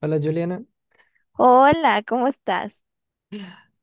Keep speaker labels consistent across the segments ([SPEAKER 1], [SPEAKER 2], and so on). [SPEAKER 1] Hola Juliana,
[SPEAKER 2] Hola, ¿cómo estás?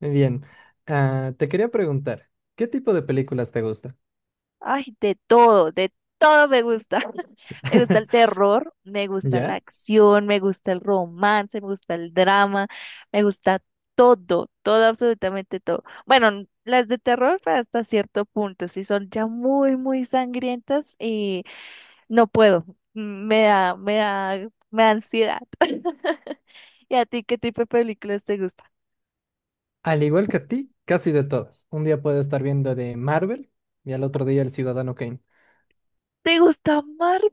[SPEAKER 1] muy bien. Ah, te quería preguntar, ¿qué tipo de películas te gusta?
[SPEAKER 2] Ay, de todo me gusta. Me gusta el terror, me gusta la
[SPEAKER 1] ¿Ya?
[SPEAKER 2] acción, me gusta el romance, me gusta el drama, me gusta todo, todo, absolutamente todo. Bueno, las de terror, pues, hasta cierto punto, si son ya muy, muy sangrientas, y no puedo. Mm, Me da, me da, me da ansiedad. ¿Y a ti qué tipo de películas te gusta?
[SPEAKER 1] Al igual que a ti, casi de todas. Un día puedo estar viendo de Marvel y al otro día El Ciudadano Kane.
[SPEAKER 2] ¿Te gusta Marvel?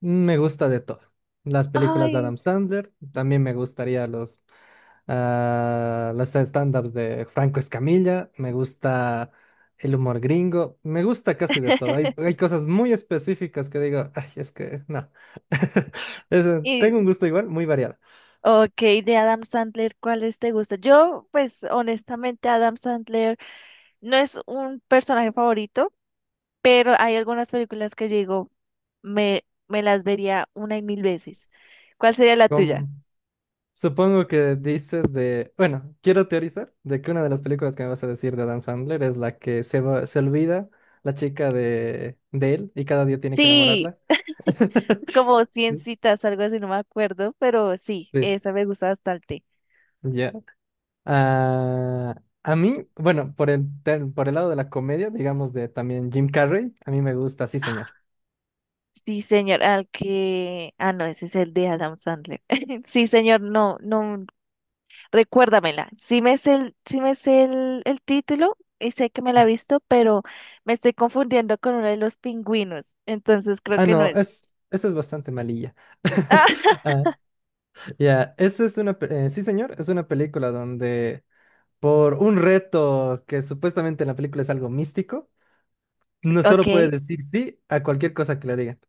[SPEAKER 1] Me gusta de todo. Las películas de
[SPEAKER 2] Ay,
[SPEAKER 1] Adam Sandler, también me gustaría las stand-ups de Franco Escamilla, me gusta el humor gringo, me gusta casi de todo. Hay cosas muy específicas que digo, ay, es que no. Tengo un gusto igual, muy variado.
[SPEAKER 2] ok, de Adam Sandler, ¿cuáles te gustan? Yo, pues honestamente, Adam Sandler no es un personaje favorito, pero hay algunas películas que yo digo, me las vería una y mil veces. ¿Cuál sería la tuya?
[SPEAKER 1] Com- Supongo que dices bueno, quiero teorizar de que una de las películas que me vas a decir de Adam Sandler es la que se olvida la chica de él y cada día tiene que
[SPEAKER 2] Sí,
[SPEAKER 1] enamorarla.
[SPEAKER 2] como 100 citas, algo así, no me acuerdo, pero sí,
[SPEAKER 1] Sí,
[SPEAKER 2] esa me gusta bastante.
[SPEAKER 1] ya. Ah, a mí, bueno, por el lado de la comedia, digamos de también Jim Carrey, a mí me gusta, sí, señor.
[SPEAKER 2] Sí, señor, al que... Ah, no, ese es el de Adam Sandler. Sí, señor, no, no. Recuérdamela. Sí me sé el, sí me sé el título y sé que me la he visto, pero me estoy confundiendo con uno de los pingüinos. Entonces creo
[SPEAKER 1] Ah,
[SPEAKER 2] que no
[SPEAKER 1] no,
[SPEAKER 2] es.
[SPEAKER 1] eso es bastante malilla. Ah, ya, esa es sí, señor, es una película donde por un reto que supuestamente en la película es algo místico, no
[SPEAKER 2] Ah,
[SPEAKER 1] solo
[SPEAKER 2] ok.
[SPEAKER 1] puede decir sí a cualquier cosa que le digan.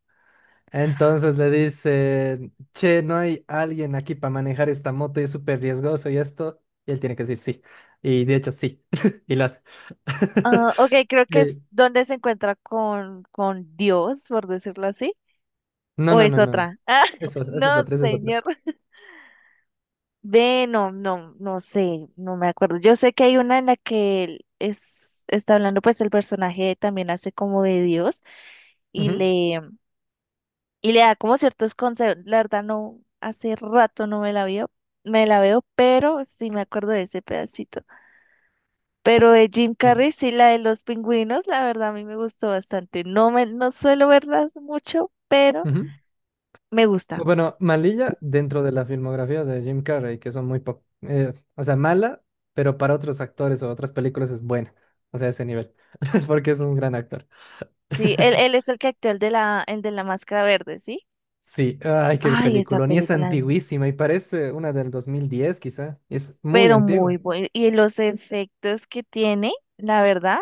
[SPEAKER 1] Entonces le dicen, che, no hay alguien aquí para manejar esta moto y es súper riesgoso y esto, y él tiene que decir sí. Y de hecho sí, y lo hace.
[SPEAKER 2] Ah, ok, creo que
[SPEAKER 1] Eh,
[SPEAKER 2] es donde se encuentra con, Dios, por decirlo así.
[SPEAKER 1] no,
[SPEAKER 2] ¿O
[SPEAKER 1] no,
[SPEAKER 2] es
[SPEAKER 1] no, no, no.
[SPEAKER 2] otra? Ah,
[SPEAKER 1] Eso, eso es
[SPEAKER 2] no,
[SPEAKER 1] otra, eso es otra.
[SPEAKER 2] señor. Ve, no, no, no sé, no me acuerdo. Yo sé que hay una en la que él está hablando, pues el personaje también hace como de Dios y
[SPEAKER 1] Ujú,
[SPEAKER 2] le da como ciertos consejos. La verdad, no, hace rato no me la veo, pero sí me acuerdo de ese pedacito. Pero de Jim
[SPEAKER 1] sí.
[SPEAKER 2] Carrey, sí, la de los pingüinos, la verdad a mí me gustó bastante. No suelo verlas mucho, pero
[SPEAKER 1] Ujú.
[SPEAKER 2] me gusta.
[SPEAKER 1] Bueno, malilla dentro de la filmografía de Jim Carrey, que son o sea, mala, pero para otros actores o otras películas es buena. O sea, ese nivel. Porque es un gran actor.
[SPEAKER 2] Sí, él es el que actúa el de la máscara verde, ¿sí?
[SPEAKER 1] Sí, ay, qué
[SPEAKER 2] Ay, esa
[SPEAKER 1] película. Ni es
[SPEAKER 2] película,
[SPEAKER 1] antiguísima y parece una del 2010 quizá. Es muy
[SPEAKER 2] pero muy
[SPEAKER 1] antigua.
[SPEAKER 2] buena. Y los efectos que tiene, la verdad,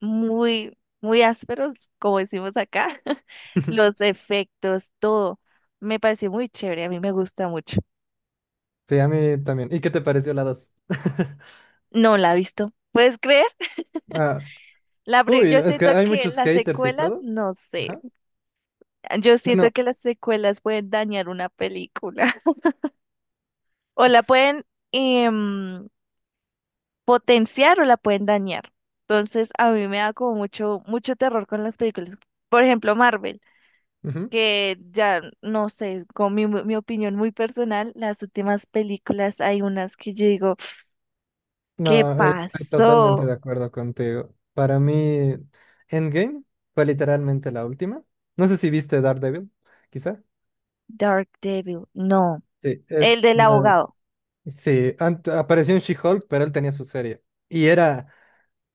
[SPEAKER 2] muy, muy ásperos, como decimos acá, los efectos, todo. Me pareció muy chévere, a mí me gusta mucho.
[SPEAKER 1] Sí, a mí también. ¿Y qué te pareció la 2?
[SPEAKER 2] No la he visto. ¿Puedes creer?
[SPEAKER 1] Ah, uy,
[SPEAKER 2] Yo
[SPEAKER 1] es que
[SPEAKER 2] siento
[SPEAKER 1] hay
[SPEAKER 2] que
[SPEAKER 1] muchos
[SPEAKER 2] las
[SPEAKER 1] haters y
[SPEAKER 2] secuelas,
[SPEAKER 1] todo.
[SPEAKER 2] no sé.
[SPEAKER 1] Ajá.
[SPEAKER 2] Yo siento
[SPEAKER 1] Bueno,
[SPEAKER 2] que las secuelas pueden dañar una película. O la pueden em, potenciar o la pueden dañar. Entonces, a mí me da como mucho, mucho terror con las películas. Por ejemplo, Marvel,
[SPEAKER 1] ujú.
[SPEAKER 2] que ya, no sé, con mi opinión muy personal, las últimas películas hay unas que yo digo, ¿qué
[SPEAKER 1] No, estoy totalmente
[SPEAKER 2] pasó?
[SPEAKER 1] de acuerdo contigo. Para mí, Endgame fue literalmente la última. No sé si viste Daredevil, quizá.
[SPEAKER 2] Dark Devil, no,
[SPEAKER 1] Sí,
[SPEAKER 2] el del abogado,
[SPEAKER 1] apareció en She-Hulk, pero él tenía su serie. Y era,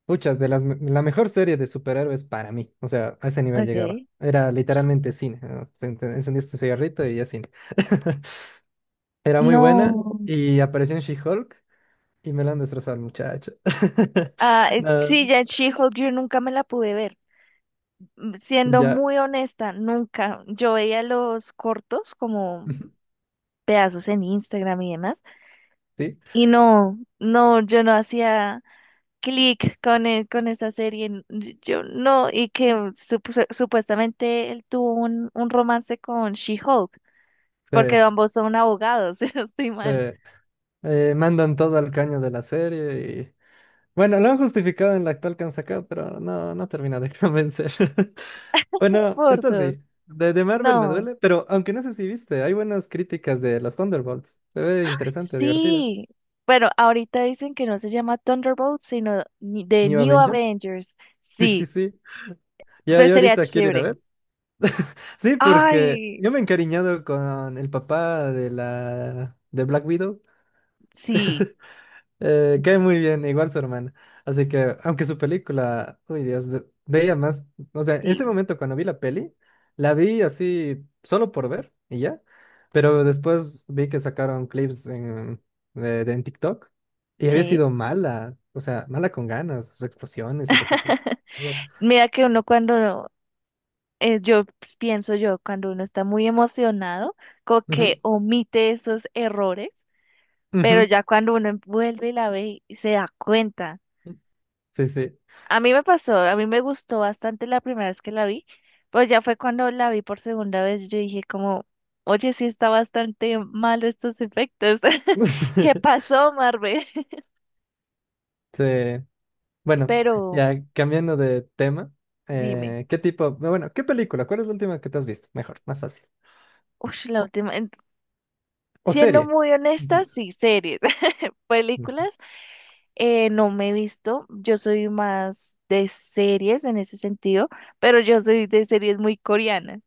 [SPEAKER 1] pucha, la mejor serie de superhéroes para mí. O sea, a ese nivel llegaba.
[SPEAKER 2] ok,
[SPEAKER 1] Era literalmente cine, ¿no? Te encendías tu cigarrito y ya cine. Era muy buena
[SPEAKER 2] no,
[SPEAKER 1] y apareció en She-Hulk y me la han destrozado al muchacho.
[SPEAKER 2] ah,
[SPEAKER 1] No,
[SPEAKER 2] sí, ya en She-Hulk yo nunca me la pude ver. Siendo
[SPEAKER 1] ya.
[SPEAKER 2] muy honesta, nunca, yo veía los cortos como pedazos en Instagram y demás,
[SPEAKER 1] ¿Sí?
[SPEAKER 2] y no, no, yo no hacía clic con, con esa serie. Yo no, y que supuestamente él tuvo un romance con She-Hulk,
[SPEAKER 1] Sí,
[SPEAKER 2] porque ambos son abogados, si no estoy
[SPEAKER 1] sí.
[SPEAKER 2] mal.
[SPEAKER 1] Mandan todo al caño de la serie y... Bueno, lo han justificado en la actual que han sacado, pero no termina de convencer. Bueno,
[SPEAKER 2] Por
[SPEAKER 1] esto
[SPEAKER 2] dos.
[SPEAKER 1] sí. De Marvel me
[SPEAKER 2] No.
[SPEAKER 1] duele, pero aunque no sé si viste, hay buenas críticas de las Thunderbolts. Se ve interesante, divertida.
[SPEAKER 2] Sí. Bueno, ahorita dicen que no se llama Thunderbolt, sino The
[SPEAKER 1] New
[SPEAKER 2] New
[SPEAKER 1] Avengers.
[SPEAKER 2] Avengers.
[SPEAKER 1] Sí, sí,
[SPEAKER 2] Sí,
[SPEAKER 1] sí. Ya,
[SPEAKER 2] pues
[SPEAKER 1] yo
[SPEAKER 2] sería
[SPEAKER 1] ahorita quiero ir a
[SPEAKER 2] chévere.
[SPEAKER 1] ver. Sí, porque
[SPEAKER 2] Ay,
[SPEAKER 1] yo me he encariñado con el papá de la de Black Widow.
[SPEAKER 2] sí,
[SPEAKER 1] Cae muy bien, igual su hermana. Así que, aunque su película, uy Dios, veía más, o sea, en ese
[SPEAKER 2] sí,
[SPEAKER 1] momento cuando vi la peli, la vi así solo por ver y ya, pero después vi que sacaron clips en TikTok y había
[SPEAKER 2] sí.
[SPEAKER 1] sido mala, o sea, mala con ganas, sus explosiones y los efectos, todo.
[SPEAKER 2] Mira que uno cuando yo pues, pienso yo, cuando uno está muy emocionado, como
[SPEAKER 1] Ujú,
[SPEAKER 2] que omite esos errores, pero
[SPEAKER 1] ujú,
[SPEAKER 2] ya cuando uno vuelve y la ve y se da cuenta.
[SPEAKER 1] sí, sí.
[SPEAKER 2] A mí me pasó, a mí me gustó bastante la primera vez que la vi, pero ya fue cuando la vi por segunda vez, yo dije como, oye, sí está bastante malo estos efectos. ¿Qué pasó, Marvel?
[SPEAKER 1] Sí. Bueno,
[SPEAKER 2] Pero
[SPEAKER 1] ya cambiando de tema,
[SPEAKER 2] dime,
[SPEAKER 1] ¿qué tipo, bueno, qué película? ¿Cuál es la última que te has visto? Mejor, más fácil.
[SPEAKER 2] uy, la última,
[SPEAKER 1] ¿O
[SPEAKER 2] siendo
[SPEAKER 1] serie?
[SPEAKER 2] muy honesta,
[SPEAKER 1] Incluso.
[SPEAKER 2] sí, series.
[SPEAKER 1] Ujú.
[SPEAKER 2] Películas no me he visto, yo soy más de series en ese sentido, pero yo soy de series muy coreanas.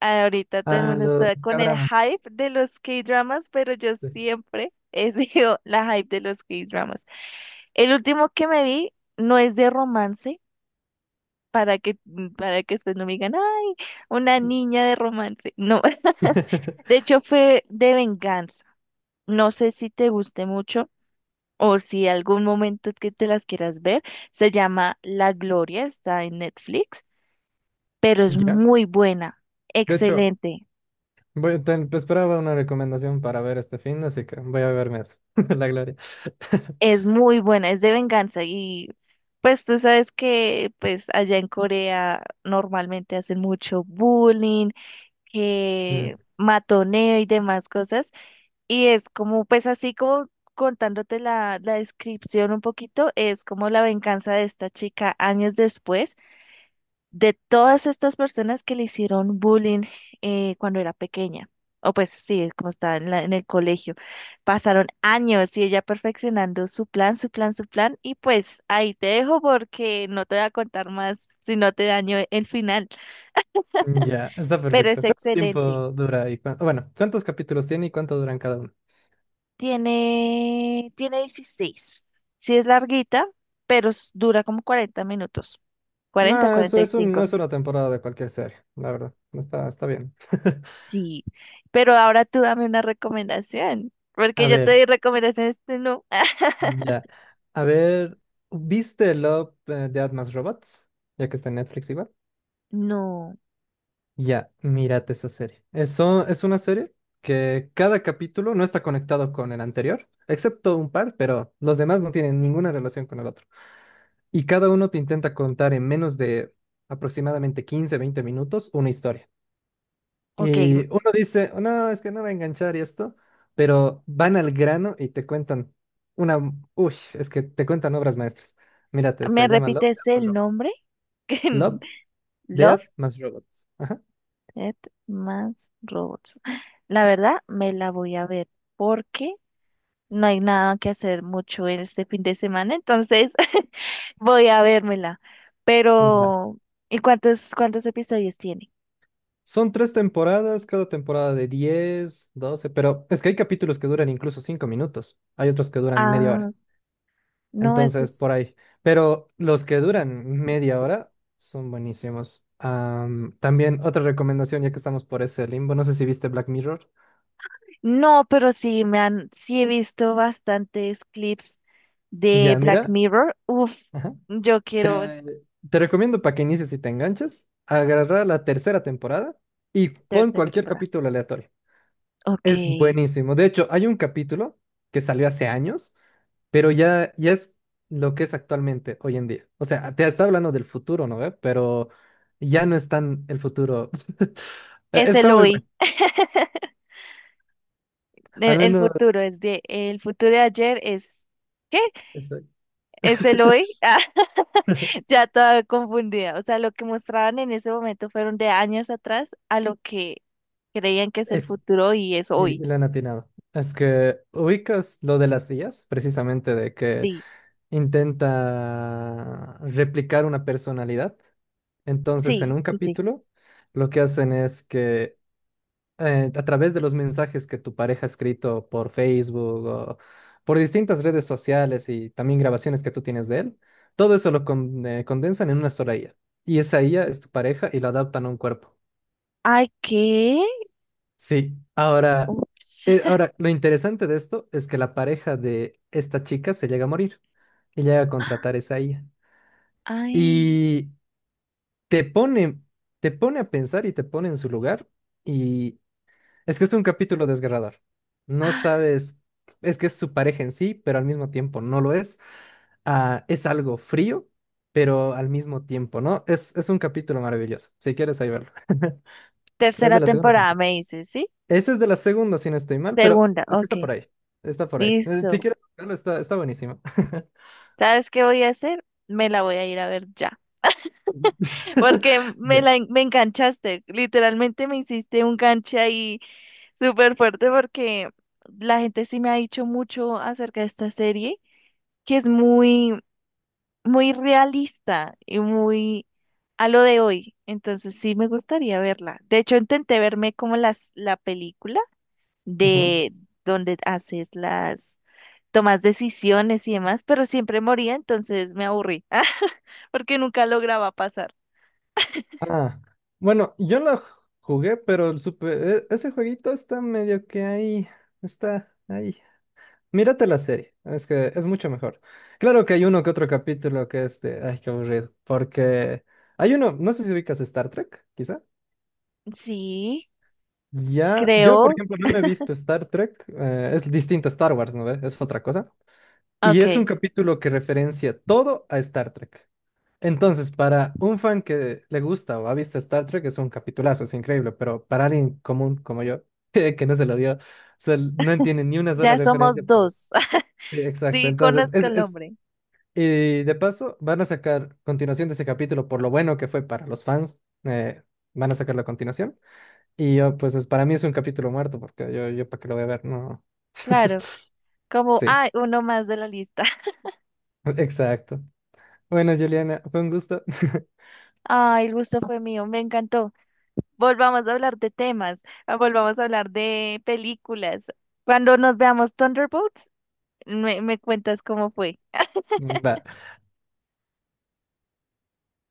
[SPEAKER 2] Ahorita todo el
[SPEAKER 1] Ah,
[SPEAKER 2] mundo
[SPEAKER 1] los
[SPEAKER 2] está con el
[SPEAKER 1] cadramas.
[SPEAKER 2] hype de los K-dramas, pero yo
[SPEAKER 1] Sí.
[SPEAKER 2] siempre he sido la hype de los K-dramas. El último que me vi no es de romance, para que, para que después no me digan, ay, una niña de romance. No, de hecho fue de venganza. No sé si te guste mucho o si algún momento que te las quieras ver, se llama La Gloria, está en Netflix, pero es
[SPEAKER 1] Ya.
[SPEAKER 2] muy buena,
[SPEAKER 1] De hecho,
[SPEAKER 2] excelente,
[SPEAKER 1] te esperaba una recomendación para ver este fin, así que voy a verme eso. La gloria.
[SPEAKER 2] es muy buena, es de venganza y pues tú sabes que pues allá en Corea normalmente hacen mucho bullying,
[SPEAKER 1] Mm,
[SPEAKER 2] que matoneo y demás cosas, y es como pues así como contándote la, descripción un poquito, es como la venganza de esta chica años después de todas estas personas que le hicieron bullying cuando era pequeña, o pues sí, como estaba en el colegio, pasaron años y ella perfeccionando su plan, su plan, su plan, y pues ahí te dejo porque no te voy a contar más si no te daño el final,
[SPEAKER 1] Ya, está
[SPEAKER 2] pero es
[SPEAKER 1] perfecto. ¿Cuánto tiempo
[SPEAKER 2] excelente.
[SPEAKER 1] dura y bueno, cuántos capítulos tiene y cuánto duran cada uno?
[SPEAKER 2] Tiene 16. Sí, es larguita, pero dura como 40 minutos, 40,
[SPEAKER 1] No, eso
[SPEAKER 2] cuarenta y
[SPEAKER 1] es un, no
[SPEAKER 2] cinco
[SPEAKER 1] es una temporada de cualquier serie, la verdad. Está bien.
[SPEAKER 2] Sí, pero ahora tú dame una recomendación, porque
[SPEAKER 1] A
[SPEAKER 2] yo te
[SPEAKER 1] ver.
[SPEAKER 2] di recomendaciones, tú no.
[SPEAKER 1] Ya. A ver, ¿viste Love, Death Más Robots? Ya que está en Netflix igual.
[SPEAKER 2] No,
[SPEAKER 1] Ya, mírate esa serie. Eso es una serie que cada capítulo no está conectado con el anterior, excepto un par, pero los demás no tienen ninguna relación con el otro. Y cada uno te intenta contar en menos de aproximadamente 15 20 minutos una historia.
[SPEAKER 2] ok,
[SPEAKER 1] Y uno dice, no, es que no va a enganchar y esto, pero van al grano y te cuentan una, uy, es que te cuentan obras maestras. Mírate,
[SPEAKER 2] ¿me
[SPEAKER 1] se llama Love, Death
[SPEAKER 2] repites
[SPEAKER 1] más
[SPEAKER 2] el
[SPEAKER 1] Robots.
[SPEAKER 2] nombre?
[SPEAKER 1] Love,
[SPEAKER 2] Love,
[SPEAKER 1] Death más Robots. Ajá.
[SPEAKER 2] Death más Robots. La verdad, me la voy a ver porque no hay nada que hacer mucho en este fin de semana, entonces voy a vérmela.
[SPEAKER 1] Va.
[SPEAKER 2] Pero, ¿y cuántos episodios tiene?
[SPEAKER 1] Son tres temporadas, cada temporada de 10 12, pero es que hay capítulos que duran incluso 5 minutos, hay otros que duran media
[SPEAKER 2] Ah,
[SPEAKER 1] hora,
[SPEAKER 2] no, eso
[SPEAKER 1] entonces
[SPEAKER 2] es...
[SPEAKER 1] por ahí. Pero los que duran media hora son buenísimos. También otra recomendación, ya que estamos por ese limbo, no sé si viste Black Mirror.
[SPEAKER 2] No, pero sí, sí he visto bastantes clips de
[SPEAKER 1] Ya,
[SPEAKER 2] Black
[SPEAKER 1] mira,
[SPEAKER 2] Mirror. Uf,
[SPEAKER 1] ajá.
[SPEAKER 2] yo quiero
[SPEAKER 1] Te, te recomiendo para que inicies y te enganches, agarrar la tercera temporada y pon
[SPEAKER 2] tercera
[SPEAKER 1] cualquier
[SPEAKER 2] temporada.
[SPEAKER 1] capítulo aleatorio.
[SPEAKER 2] Ok.
[SPEAKER 1] Es buenísimo. De hecho, hay un capítulo que salió hace años, pero ya es lo que es actualmente, hoy en día. O sea, te está hablando del futuro, ¿no ve? Pero ya no es tan el futuro.
[SPEAKER 2] Es el
[SPEAKER 1] Está muy bueno,
[SPEAKER 2] hoy. El,
[SPEAKER 1] al
[SPEAKER 2] el
[SPEAKER 1] menos
[SPEAKER 2] futuro es de. El futuro de ayer es. ¿Qué?
[SPEAKER 1] eso.
[SPEAKER 2] Es el hoy. Ah, ya toda confundida. O sea, lo que mostraban en ese momento fueron de años atrás a lo que creían que es el
[SPEAKER 1] Es,
[SPEAKER 2] futuro y es
[SPEAKER 1] y
[SPEAKER 2] hoy.
[SPEAKER 1] le han atinado. Es que ubicas lo de las sillas, precisamente de que
[SPEAKER 2] Sí,
[SPEAKER 1] intenta replicar una personalidad. Entonces, en
[SPEAKER 2] sí,
[SPEAKER 1] un
[SPEAKER 2] sí, sí.
[SPEAKER 1] capítulo, lo que hacen es que a través de los mensajes que tu pareja ha escrito por Facebook o por distintas redes sociales y también grabaciones que tú tienes de él, todo eso lo condensan en una sola IA. Y esa IA es tu pareja y la adaptan a un cuerpo.
[SPEAKER 2] Ay, ¿qué?
[SPEAKER 1] Sí,
[SPEAKER 2] Ups.
[SPEAKER 1] ahora lo interesante de esto es que la pareja de esta chica se llega a morir y llega a contratar esa IA.
[SPEAKER 2] Ay.
[SPEAKER 1] Y te pone, te pone a pensar y te pone en su lugar. Y es que es un capítulo desgarrador. No
[SPEAKER 2] Ah,
[SPEAKER 1] sabes, es que es su pareja en sí, pero al mismo tiempo no lo es. Ah, es algo frío, pero al mismo tiempo, ¿no? Es un capítulo maravilloso. Si quieres, ahí verlo. Es
[SPEAKER 2] tercera
[SPEAKER 1] de la segunda
[SPEAKER 2] temporada,
[SPEAKER 1] temporada.
[SPEAKER 2] me dices, ¿sí?
[SPEAKER 1] Ese es de la segunda, si no estoy mal, pero
[SPEAKER 2] Segunda,
[SPEAKER 1] es que está
[SPEAKER 2] ok.
[SPEAKER 1] por ahí. Está por ahí. Si
[SPEAKER 2] Listo.
[SPEAKER 1] quieres verlo, está buenísimo.
[SPEAKER 2] ¿Sabes qué voy a hacer? Me la voy a ir a ver ya. Porque me
[SPEAKER 1] Ya.
[SPEAKER 2] la me enganchaste. Literalmente me hiciste un ganche ahí súper fuerte porque la gente sí me ha dicho mucho acerca de esta serie, que es muy, muy realista y muy a lo de hoy. Entonces sí me gustaría verla. De hecho, intenté verme como la película
[SPEAKER 1] Ujú.
[SPEAKER 2] de donde haces las tomas decisiones y demás, pero siempre moría, entonces me aburrí, porque nunca lograba pasar.
[SPEAKER 1] Ah, bueno, yo lo jugué, pero ese jueguito está medio que ahí, está ahí. Mírate la serie, es que es mucho mejor. Claro que hay uno que otro capítulo que es de, ay, qué aburrido, porque hay uno, no sé si ubicas Star Trek, quizá.
[SPEAKER 2] Sí,
[SPEAKER 1] Ya, yo por
[SPEAKER 2] creo,
[SPEAKER 1] ejemplo no me he visto Star Trek, es distinto a Star Wars, ¿no ve? Es otra cosa. Y es un
[SPEAKER 2] ok,
[SPEAKER 1] capítulo que referencia todo a Star Trek. Entonces, para un fan que le gusta o ha visto Star Trek es un capitulazo, es increíble, pero para alguien común como yo, que no se lo vio, o sea, no entiende ni una sola
[SPEAKER 2] ya
[SPEAKER 1] referencia,
[SPEAKER 2] somos
[SPEAKER 1] pero
[SPEAKER 2] dos.
[SPEAKER 1] sí, exacto.
[SPEAKER 2] Sí,
[SPEAKER 1] Entonces,
[SPEAKER 2] conozco el nombre,
[SPEAKER 1] y de paso, van a sacar continuación de ese capítulo por lo bueno que fue para los fans, eh, van a sacar la continuación. Y yo, pues, para mí es un capítulo muerto, porque yo para qué lo voy a ver, no.
[SPEAKER 2] claro, como,
[SPEAKER 1] Sí,
[SPEAKER 2] ah, uno más de la lista.
[SPEAKER 1] exacto. Bueno, Juliana, fue un gusto.
[SPEAKER 2] Ay, el gusto fue mío, me encantó. Volvamos a hablar de temas, ah, volvamos a hablar de películas. Cuando nos veamos Thunderbolts, me, cuentas cómo fue.
[SPEAKER 1] Va.